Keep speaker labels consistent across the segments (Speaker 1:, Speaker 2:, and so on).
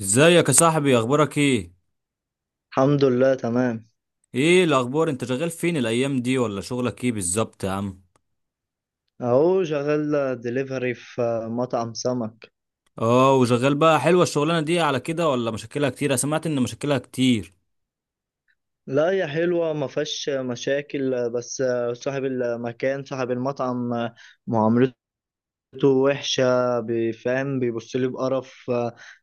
Speaker 1: ازيك يا صاحبي؟ اخبارك ايه؟
Speaker 2: الحمد لله، تمام.
Speaker 1: ايه الاخبار، انت شغال فين الايام دي؟ ولا شغلك ايه بالظبط يا عم؟
Speaker 2: اهو شغال دليفري في مطعم سمك.
Speaker 1: اه، وشغال بقى؟ حلوه الشغلانه دي على كده ولا مشاكلها كتير؟ انا سمعت ان مشاكلها كتير.
Speaker 2: لا، هي حلوة ما فيهاش مشاكل. بس صاحب المكان صاحب المطعم معاملته وحشة، بيفهم بيبص لي بقرف.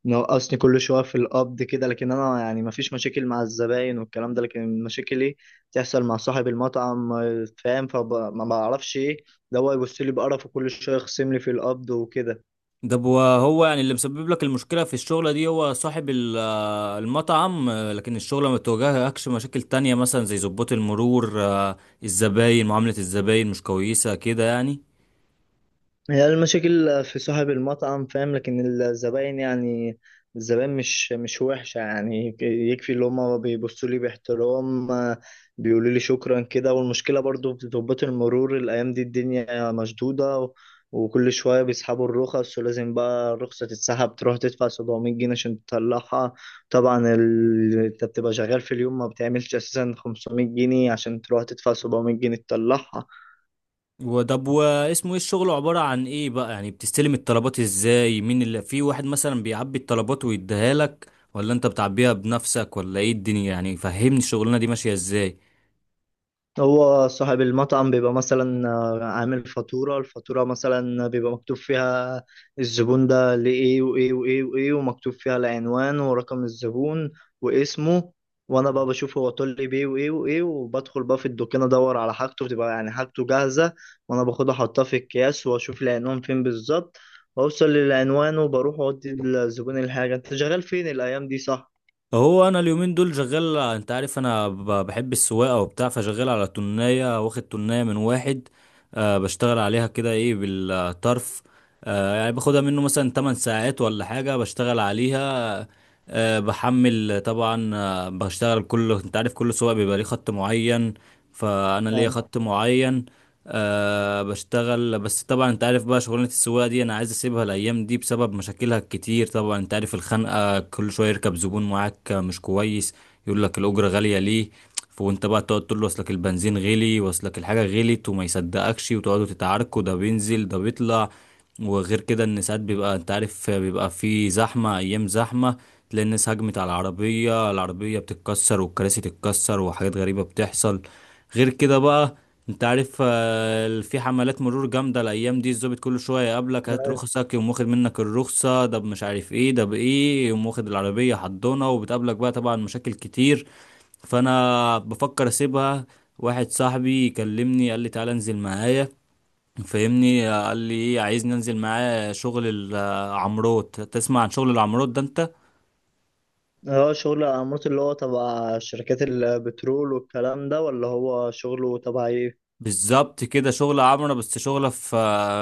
Speaker 2: نقصني كل شوية في القبض كده، لكن انا يعني ما فيش مشاكل مع الزباين والكلام ده، لكن مشاكلي تحصل مع صاحب المطعم، فاهم؟ فما بعرفش ايه ده، هو يبص لي بقرف وكل شوية يخصم لي في القبض وكده.
Speaker 1: ده ب- هو يعني اللي مسبب لك المشكله في الشغله دي هو صاحب المطعم، لكن الشغله ما بتواجهكش مشاكل تانية مثلا زي ضباط المرور؟ الزباين، معامله الزباين مش كويسه كده يعني؟
Speaker 2: هي المشاكل في صاحب المطعم، فاهم؟ لكن الزباين يعني الزباين مش وحشة، يعني يكفي اللي هما بيبصوا لي باحترام، آه، بيقولوا لي شكرا كده. والمشكلة برضو في ضباط المرور، الأيام دي الدنيا مشدودة وكل شوية بيسحبوا الرخص، ولازم بقى الرخصة تتسحب تروح تدفع 700 جنيه عشان تطلعها. طبعا انت بتبقى شغال في اليوم ما بتعملش أساسا 500 جنيه، عشان تروح تدفع 700 جنيه تطلعها.
Speaker 1: وطب، واسمه ايه الشغل؟ عبارة عن ايه بقى يعني؟ بتستلم الطلبات ازاي؟ مين اللي في واحد مثلا بيعبي الطلبات ويديها لك ولا انت بتعبيها بنفسك ولا ايه الدنيا يعني؟ فهمني الشغلانة دي ماشية ازاي.
Speaker 2: هو صاحب المطعم بيبقى مثلا آه، عامل فاتورة. الفاتورة مثلا بيبقى مكتوب فيها الزبون ده لإيه وإيه وإيه وإيه، ومكتوب فيها العنوان ورقم الزبون واسمه. وأنا بقى بشوف هو طول لي بيه وإيه وإيه، وبدخل بقى في الدكان أدور على حاجته، بتبقى يعني حاجته جاهزة، وأنا باخدها أحطها في الأكياس وأشوف العنوان فين بالظبط، وأوصل للعنوان وبروح أودي للزبون الحاجة. أنت شغال فين الأيام دي، صح؟
Speaker 1: هو انا اليومين دول شغال، انت عارف انا بحب السواقة وبتاع، فشغال على تناية، واخد تناية من واحد، آه. بشتغل عليها كده، ايه، بالطرف. آه، يعني باخدها منه مثلا 8 ساعات ولا حاجة، بشتغل عليها، آه. بحمل طبعا. آه، بشتغل. كل، انت عارف، كل سواق بيبقى ليه خط معين، فانا ليا
Speaker 2: يعني
Speaker 1: خط معين، آه. بشتغل. بس طبعا انت عارف بقى شغلانة السواقة دي انا عايز اسيبها الايام دي بسبب مشاكلها الكتير. طبعا انت عارف الخنقة، كل شوية يركب زبون معاك مش كويس، يقول لك الاجرة غالية ليه، وانت بقى تقعد تقول له اصلك البنزين غلي واصلك الحاجه غلت، وما يصدقكش، وتقعدوا تتعاركوا، ده بينزل ده بيطلع. وغير كده ان ساعات بيبقى، انت عارف، بيبقى في زحمه، ايام زحمه، تلاقي الناس هجمت على العربيه، العربيه بتتكسر والكراسي تتكسر وحاجات غريبه بتحصل. غير كده بقى، انت عارف، في حملات مرور جامدة الأيام دي، الظابط كل شوية يقابلك، هات رخصك، يقوم واخد منك الرخصة، ده مش عارف ايه ده بإيه، يقوم واخد العربية حضنة، وبتقابلك بقى طبعا مشاكل كتير. فأنا بفكر أسيبها. واحد صاحبي كلمني قال لي تعالى انزل معايا، فاهمني، قال لي ايه، عايزني انزل معاه شغل العمروت. تسمع عن شغل العمروت ده انت؟
Speaker 2: اه، شغل الأمارات اللي هو تبع شركات البترول والكلام ده، ولا هو شغله تبع ايه؟
Speaker 1: بالظبط كده، شغلة عمرة، بس شغلة في،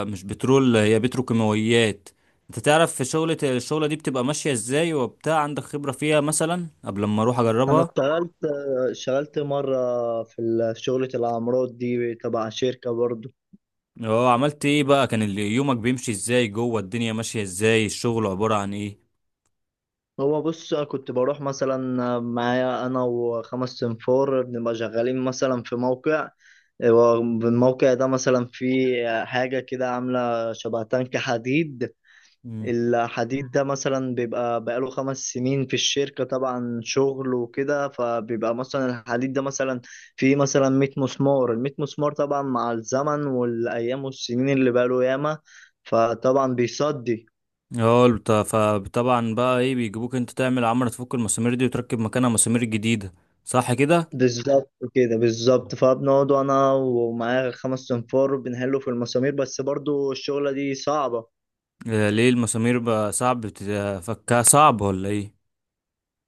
Speaker 1: مش بترول، هي بتروكيماويات. انت تعرف في شغلة، الشغلة دي بتبقى ماشية ازاي وبتاع؟ عندك خبرة فيها مثلا قبل ما اروح
Speaker 2: أنا
Speaker 1: اجربها؟
Speaker 2: اشتغلت مرة في شغلة العمارات دي تبع شركة برضو.
Speaker 1: اه، عملت ايه بقى؟ كان يومك بيمشي ازاي جوه؟ الدنيا ماشية ازاي، الشغل عبارة عن ايه؟
Speaker 2: هو بص، كنت بروح مثلا معايا أنا وخمس سنفار، بنبقى شغالين مثلا في موقع. الموقع ده مثلا فيه حاجة كده عاملة شبه تانك حديد.
Speaker 1: مم.
Speaker 2: الحديد ده مثلا بيبقى بقاله 5 سنين في الشركة، طبعا شغل وكده، فبيبقى مثلا الحديد ده مثلا فيه مثلا 100 مسمار. ال 100 مسمار طبعا مع الزمن والأيام والسنين اللي بقاله ياما، فطبعا بيصدي.
Speaker 1: اه، فطبعا بقى، ايه، بيجيبوك انت تعمل عمرة، تفك المسامير دي وتركب مكانها مسامير جديدة، صح كده؟
Speaker 2: بالظبط كده بالظبط، فبنقعد أنا ومعايا خمس أنفار بنحله في المسامير، بس برضو الشغلة دي صعبة.
Speaker 1: ليه المسامير بقى؟ صعب بتفكها، صعب ولا ايه؟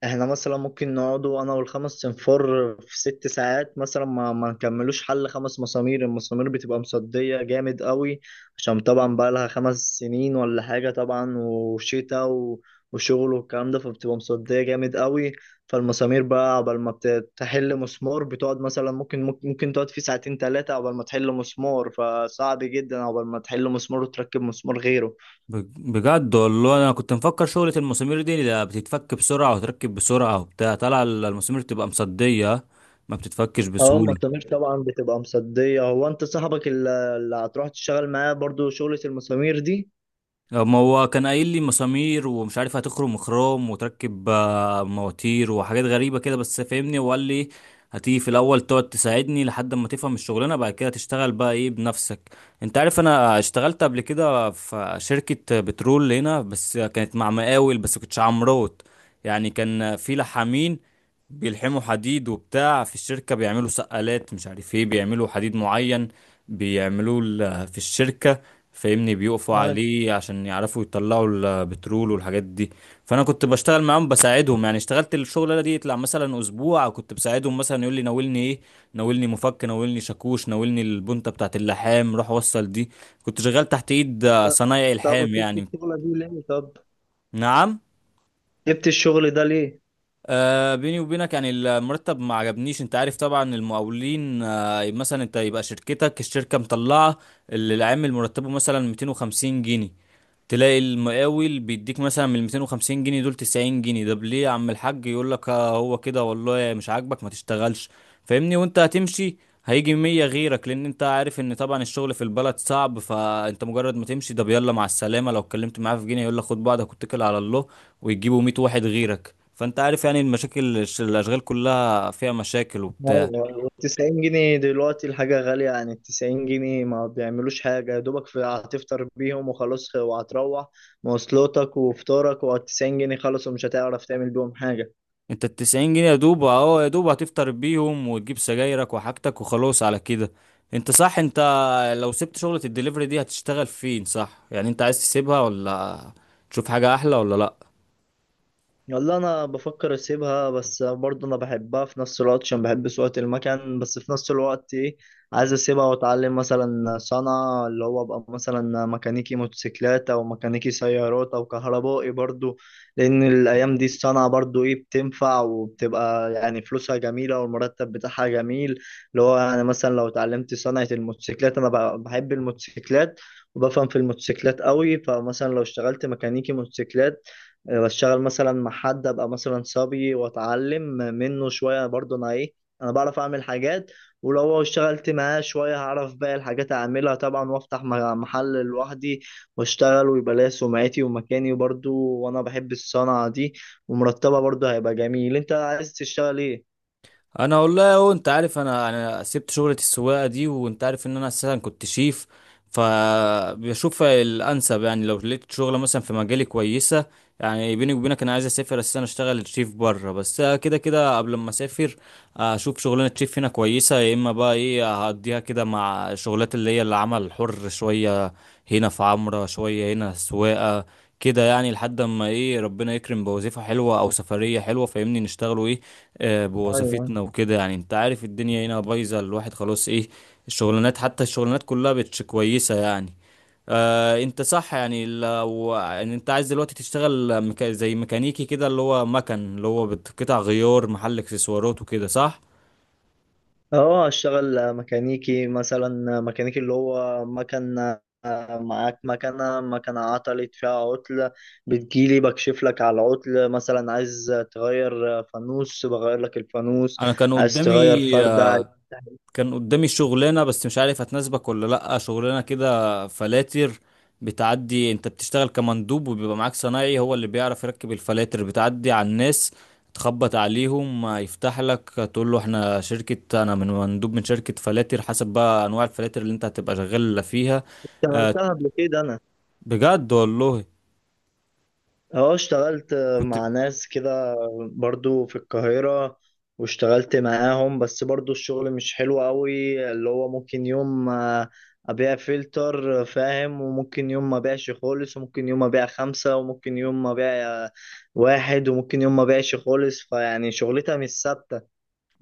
Speaker 2: احنا مثلا ممكن نقعدوا انا والخمس صنفار في 6 ساعات مثلا ما نكملوش حل خمس مسامير، المسامير بتبقى مصدية جامد قوي، عشان طبعا بقى لها 5 سنين ولا حاجة طبعا، وشغل والكلام ده، فبتبقى مصدية جامد قوي. فالمسامير بقى عقبال ما بتحل مسمار بتقعد مثلا، ممكن تقعد فيه ساعتين ثلاثة عقبال ما تحل مسمار، فصعب جدا عقبال ما تحل مسمار وتركب مسمار غيره.
Speaker 1: بجد والله، انا كنت مفكر شغلة المسامير دي لا، بتتفك بسرعة وتركب بسرعة وبتاع. طلع المسامير تبقى مصدية، ما بتتفكش
Speaker 2: اه، ما
Speaker 1: بسهولة.
Speaker 2: الضمير طبعا بتبقى مصدية. هو انت صاحبك اللي هتروح تشتغل معاه برضو شغلة المسامير دي؟
Speaker 1: ما هو كان قايل لي مسامير ومش عارف هتخرم خروم وتركب، مواتير وحاجات غريبة كده، بس فاهمني، وقال لي هتيجي في الاول تقعد تساعدني لحد ما تفهم الشغلانة، بعد كده تشتغل بقى، ايه، بنفسك. انت عارف انا اشتغلت قبل كده في شركة بترول هنا، بس كانت مع مقاول، بس كنتش عمروت. يعني كان في لحامين بيلحموا حديد وبتاع في الشركة، بيعملوا سقالات، مش عارف ايه، بيعملوا حديد معين، بيعملوه في الشركة. فاهمني، بيقفوا
Speaker 2: أيوة.
Speaker 1: عليه عشان يعرفوا يطلعوا البترول والحاجات دي. فانا كنت بشتغل معاهم بساعدهم. يعني اشتغلت الشغلانه دي يطلع مثلا اسبوع، كنت بساعدهم، مثلا يقول لي ناولني ايه، ناولني مفك، ناولني شاكوش، ناولني البنطه بتاعت اللحام، روح وصل دي. كنت شغال تحت ايد، صنايعي
Speaker 2: طب
Speaker 1: الحام
Speaker 2: وسبت
Speaker 1: يعني.
Speaker 2: الشغلة دي ليه؟ طب
Speaker 1: نعم.
Speaker 2: جبت الشغل ده ليه؟
Speaker 1: آه، بيني وبينك، يعني المرتب ما عجبنيش. انت عارف طبعا المقاولين، آه، مثلا انت يبقى شركتك، الشركة مطلعة اللي العامل مرتبه مثلا 250 جنيه، تلاقي المقاول بيديك مثلا من 250 جنيه دول 90 جنيه. ده ليه يا عم الحاج؟ يقول لك آه هو كده والله، مش عاجبك ما تشتغلش. فاهمني، وانت هتمشي، هيجي 100 غيرك، لان انت عارف ان طبعا الشغل في البلد صعب، فانت مجرد ما تمشي ده، يلا مع السلامة. لو اتكلمت معاه في جنيه يقول لك خد بعضك واتكل على الله، ويجيبوا 100 واحد غيرك. فانت عارف يعني المشاكل، الاشغال كلها فيها مشاكل وبتاع.
Speaker 2: أيوة، 90 جنيه دلوقتي الحاجة غالية، يعني 90 جنيه ما بيعملوش حاجة، يا دوبك في هتفطر بيهم وخلاص، وهتروح مواصلاتك وفطارك و90 جنيه خلاص، ومش هتعرف تعمل بيهم حاجة.
Speaker 1: انت ال 90 جنيه يا دوب، اهو يا دوب هتفطر بيهم وتجيب سجايرك وحاجتك وخلاص على كده. انت صح. انت لو سبت شغلة الدليفري دي هتشتغل فين؟ صح يعني انت عايز تسيبها ولا تشوف حاجة احلى، ولا لا؟
Speaker 2: والله انا بفكر اسيبها، بس برضه انا بحبها في نفس الوقت عشان بحب سواقة المكان، بس في نفس الوقت ايه، عايز اسيبها واتعلم مثلا صنعة، اللي هو ابقى مثلا ميكانيكي موتوسيكلات او ميكانيكي سيارات او كهربائي برضه. لان الايام دي الصنعة برضه ايه، بتنفع وبتبقى يعني فلوسها جميلة والمرتب بتاعها جميل. اللي هو يعني مثلا لو اتعلمت صنعة الموتوسيكلات، انا بحب الموتوسيكلات وبفهم في الموتوسيكلات قوي. فمثلا لو اشتغلت ميكانيكي موتوسيكلات، آه، بشتغل مثلا مع حد ابقى مثلا صبي واتعلم منه شويه، برضه انا ايه، انا بعرف اعمل حاجات، ولو اشتغلت معاه شويه هعرف باقي الحاجات اعملها طبعا، وافتح محل لوحدي واشتغل، ويبقى ليا سمعتي ومكاني برضه، وانا بحب الصنعه دي ومرتبه برضه هيبقى جميل. انت عايز تشتغل
Speaker 1: انا والله اهو، انت عارف انا سبت شغلة السواقة دي وانت عارف ان انا اساسا كنت شيف، فبشوف الانسب. يعني لو لقيت شغلة مثلا في مجالي كويسة، يعني بيني وبينك انا عايز اسافر اساسا اشتغل شيف بره، بس كده كده قبل ما اسافر اشوف شغلانة شيف هنا كويسة، يا اما بقى، ايه، هقضيها كده مع شغلات اللي هي العمل الحر، شوية هنا في عمرة، شوية هنا سواقة، كده يعني، لحد اما، ايه، ربنا يكرم بوظيفة حلوة او سفرية حلوة، فاهمني، نشتغلوا، ايه، آه،
Speaker 2: ايه؟
Speaker 1: بوظيفتنا وكده. يعني انت عارف الدنيا هنا بايظة، الواحد خلاص، ايه، الشغلانات، حتى الشغلانات كلها بتش كويسة يعني. آه انت صح. يعني لو يعني انت عايز دلوقتي تشتغل زي ميكانيكي كده، اللي هو مكن، اللي هو قطع غيار، محل اكسسوارات وكده، صح؟
Speaker 2: اه، اشتغل ميكانيكي، مثلا ميكانيكي اللي هو مكنة. معاك مكنة، مكنة عطلت فيها عطل، بتجيلي بكشف لك على العطل، مثلا عايز تغير فانوس بغير لك الفانوس،
Speaker 1: انا كان
Speaker 2: عايز تغير
Speaker 1: قدامي
Speaker 2: فردة،
Speaker 1: كان قدامي شغلانة، بس مش عارف هتناسبك ولا لأ. شغلانة كده فلاتر، بتعدي، انت بتشتغل كمندوب، وبيبقى معاك صنايعي هو اللي بيعرف يركب الفلاتر. بتعدي على الناس، تخبط عليهم، يفتح لك، تقول له احنا شركة، انا من مندوب من شركة فلاتر، حسب بقى انواع الفلاتر اللي انت هتبقى شغال فيها. آه،
Speaker 2: اشتغلتها قبل كده انا.
Speaker 1: بجد والله،
Speaker 2: اه، اشتغلت
Speaker 1: كنت،
Speaker 2: مع ناس كده برضو في القاهرة، واشتغلت معاهم، بس برضو الشغل مش حلو قوي، اللي هو ممكن يوم آه، ابيع فلتر، آه، فاهم، وممكن يوم ما بيعش خالص، وممكن يوم ما بيع خمسة، وممكن يوم ما بيع آه، واحد، وممكن يوم ما بيعش خالص، فيعني شغلتها مش ثابتة.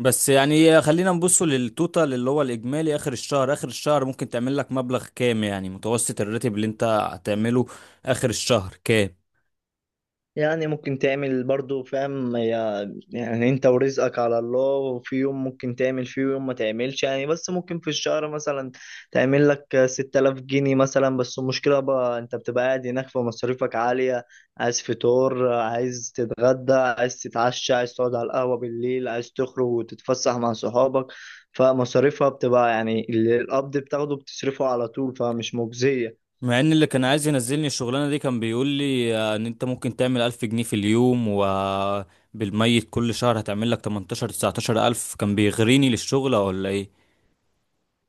Speaker 1: بس يعني خلينا نبصوا للتوتال، اللي هو الإجمالي آخر الشهر. آخر الشهر ممكن تعمل لك مبلغ كام؟ يعني متوسط الراتب اللي أنت هتعمله آخر الشهر كام؟
Speaker 2: يعني ممكن تعمل برضو، فاهم يعني انت ورزقك على الله، وفي يوم ممكن تعمل فيه ويوم ما تعملش يعني، بس ممكن في الشهر مثلا تعمل لك 6000 جنيه مثلا، بس المشكلة بقى انت بتبقى قاعد هناك فمصاريفك عالية، عايز فطور عايز تتغدى عايز تتعشى، عايز تقعد على القهوة بالليل، عايز تخرج وتتفسح مع صحابك، فمصاريفها بتبقى يعني اللي القبض بتاخده بتصرفه على طول، فمش مجزية.
Speaker 1: مع إن اللي كان عايز ينزلني الشغلانة دي كان بيقول لي، إن أنت ممكن تعمل ألف جنيه في اليوم، وبالميت كل شهر هتعمل لك 18 19 ألف. كان بيغريني للشغل ولا إيه؟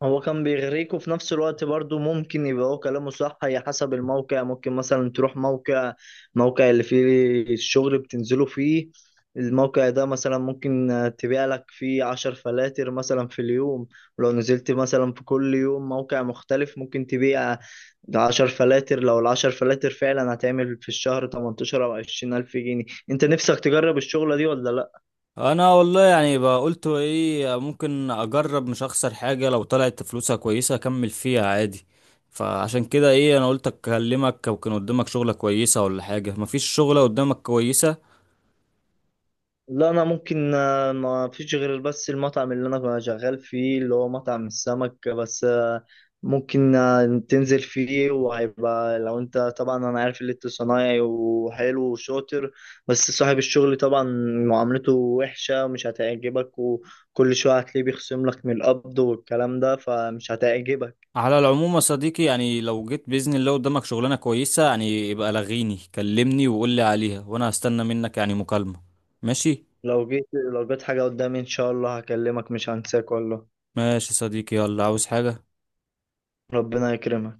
Speaker 2: هو كان بيغريك، وفي نفس الوقت برضو ممكن يبقى هو كلامه صح، هي حسب الموقع، ممكن مثلا تروح موقع، موقع اللي فيه الشغل بتنزله فيه، الموقع ده مثلا ممكن تبيع لك فيه عشر فلاتر مثلا في اليوم، ولو نزلت مثلا في كل يوم موقع مختلف ممكن تبيع عشر فلاتر، لو العشر فلاتر فعلا هتعمل في الشهر 18 أو 20 ألف جنيه، أنت نفسك تجرب الشغلة دي ولا لأ؟
Speaker 1: انا والله يعني بقى قلت ايه ممكن اجرب، مش اخسر حاجه، لو طلعت فلوسها كويسه اكمل فيها عادي. فعشان كده، ايه، انا قلت اكلمك، او كان قدامك شغله كويسه ولا حاجه؟ مفيش شغله قدامك كويسه؟
Speaker 2: لا، انا ممكن آه، ما فيش غير بس المطعم اللي انا كنت شغال فيه، اللي هو مطعم السمك، بس آه، ممكن آه، تنزل فيه، وهيبقى لو انت طبعا، انا عارف اللي انت صنايعي وحلو وشاطر، بس صاحب الشغل طبعا معاملته وحشة ومش هتعجبك، وكل شوية هتلاقيه بيخصم لك من القبض والكلام ده، فمش هتعجبك.
Speaker 1: على العموم يا صديقي، يعني لو جيت باذن الله قدامك شغلانه كويسه، يعني يبقى لغيني كلمني وقول لي عليها، وانا هستنى منك يعني مكالمه، ماشي؟
Speaker 2: لو جيت، لو جيت حاجة قدامي ان شاء الله هكلمك، مش هنساك والله.
Speaker 1: ماشي يا صديقي، يلا. عاوز حاجه؟
Speaker 2: ربنا يكرمك.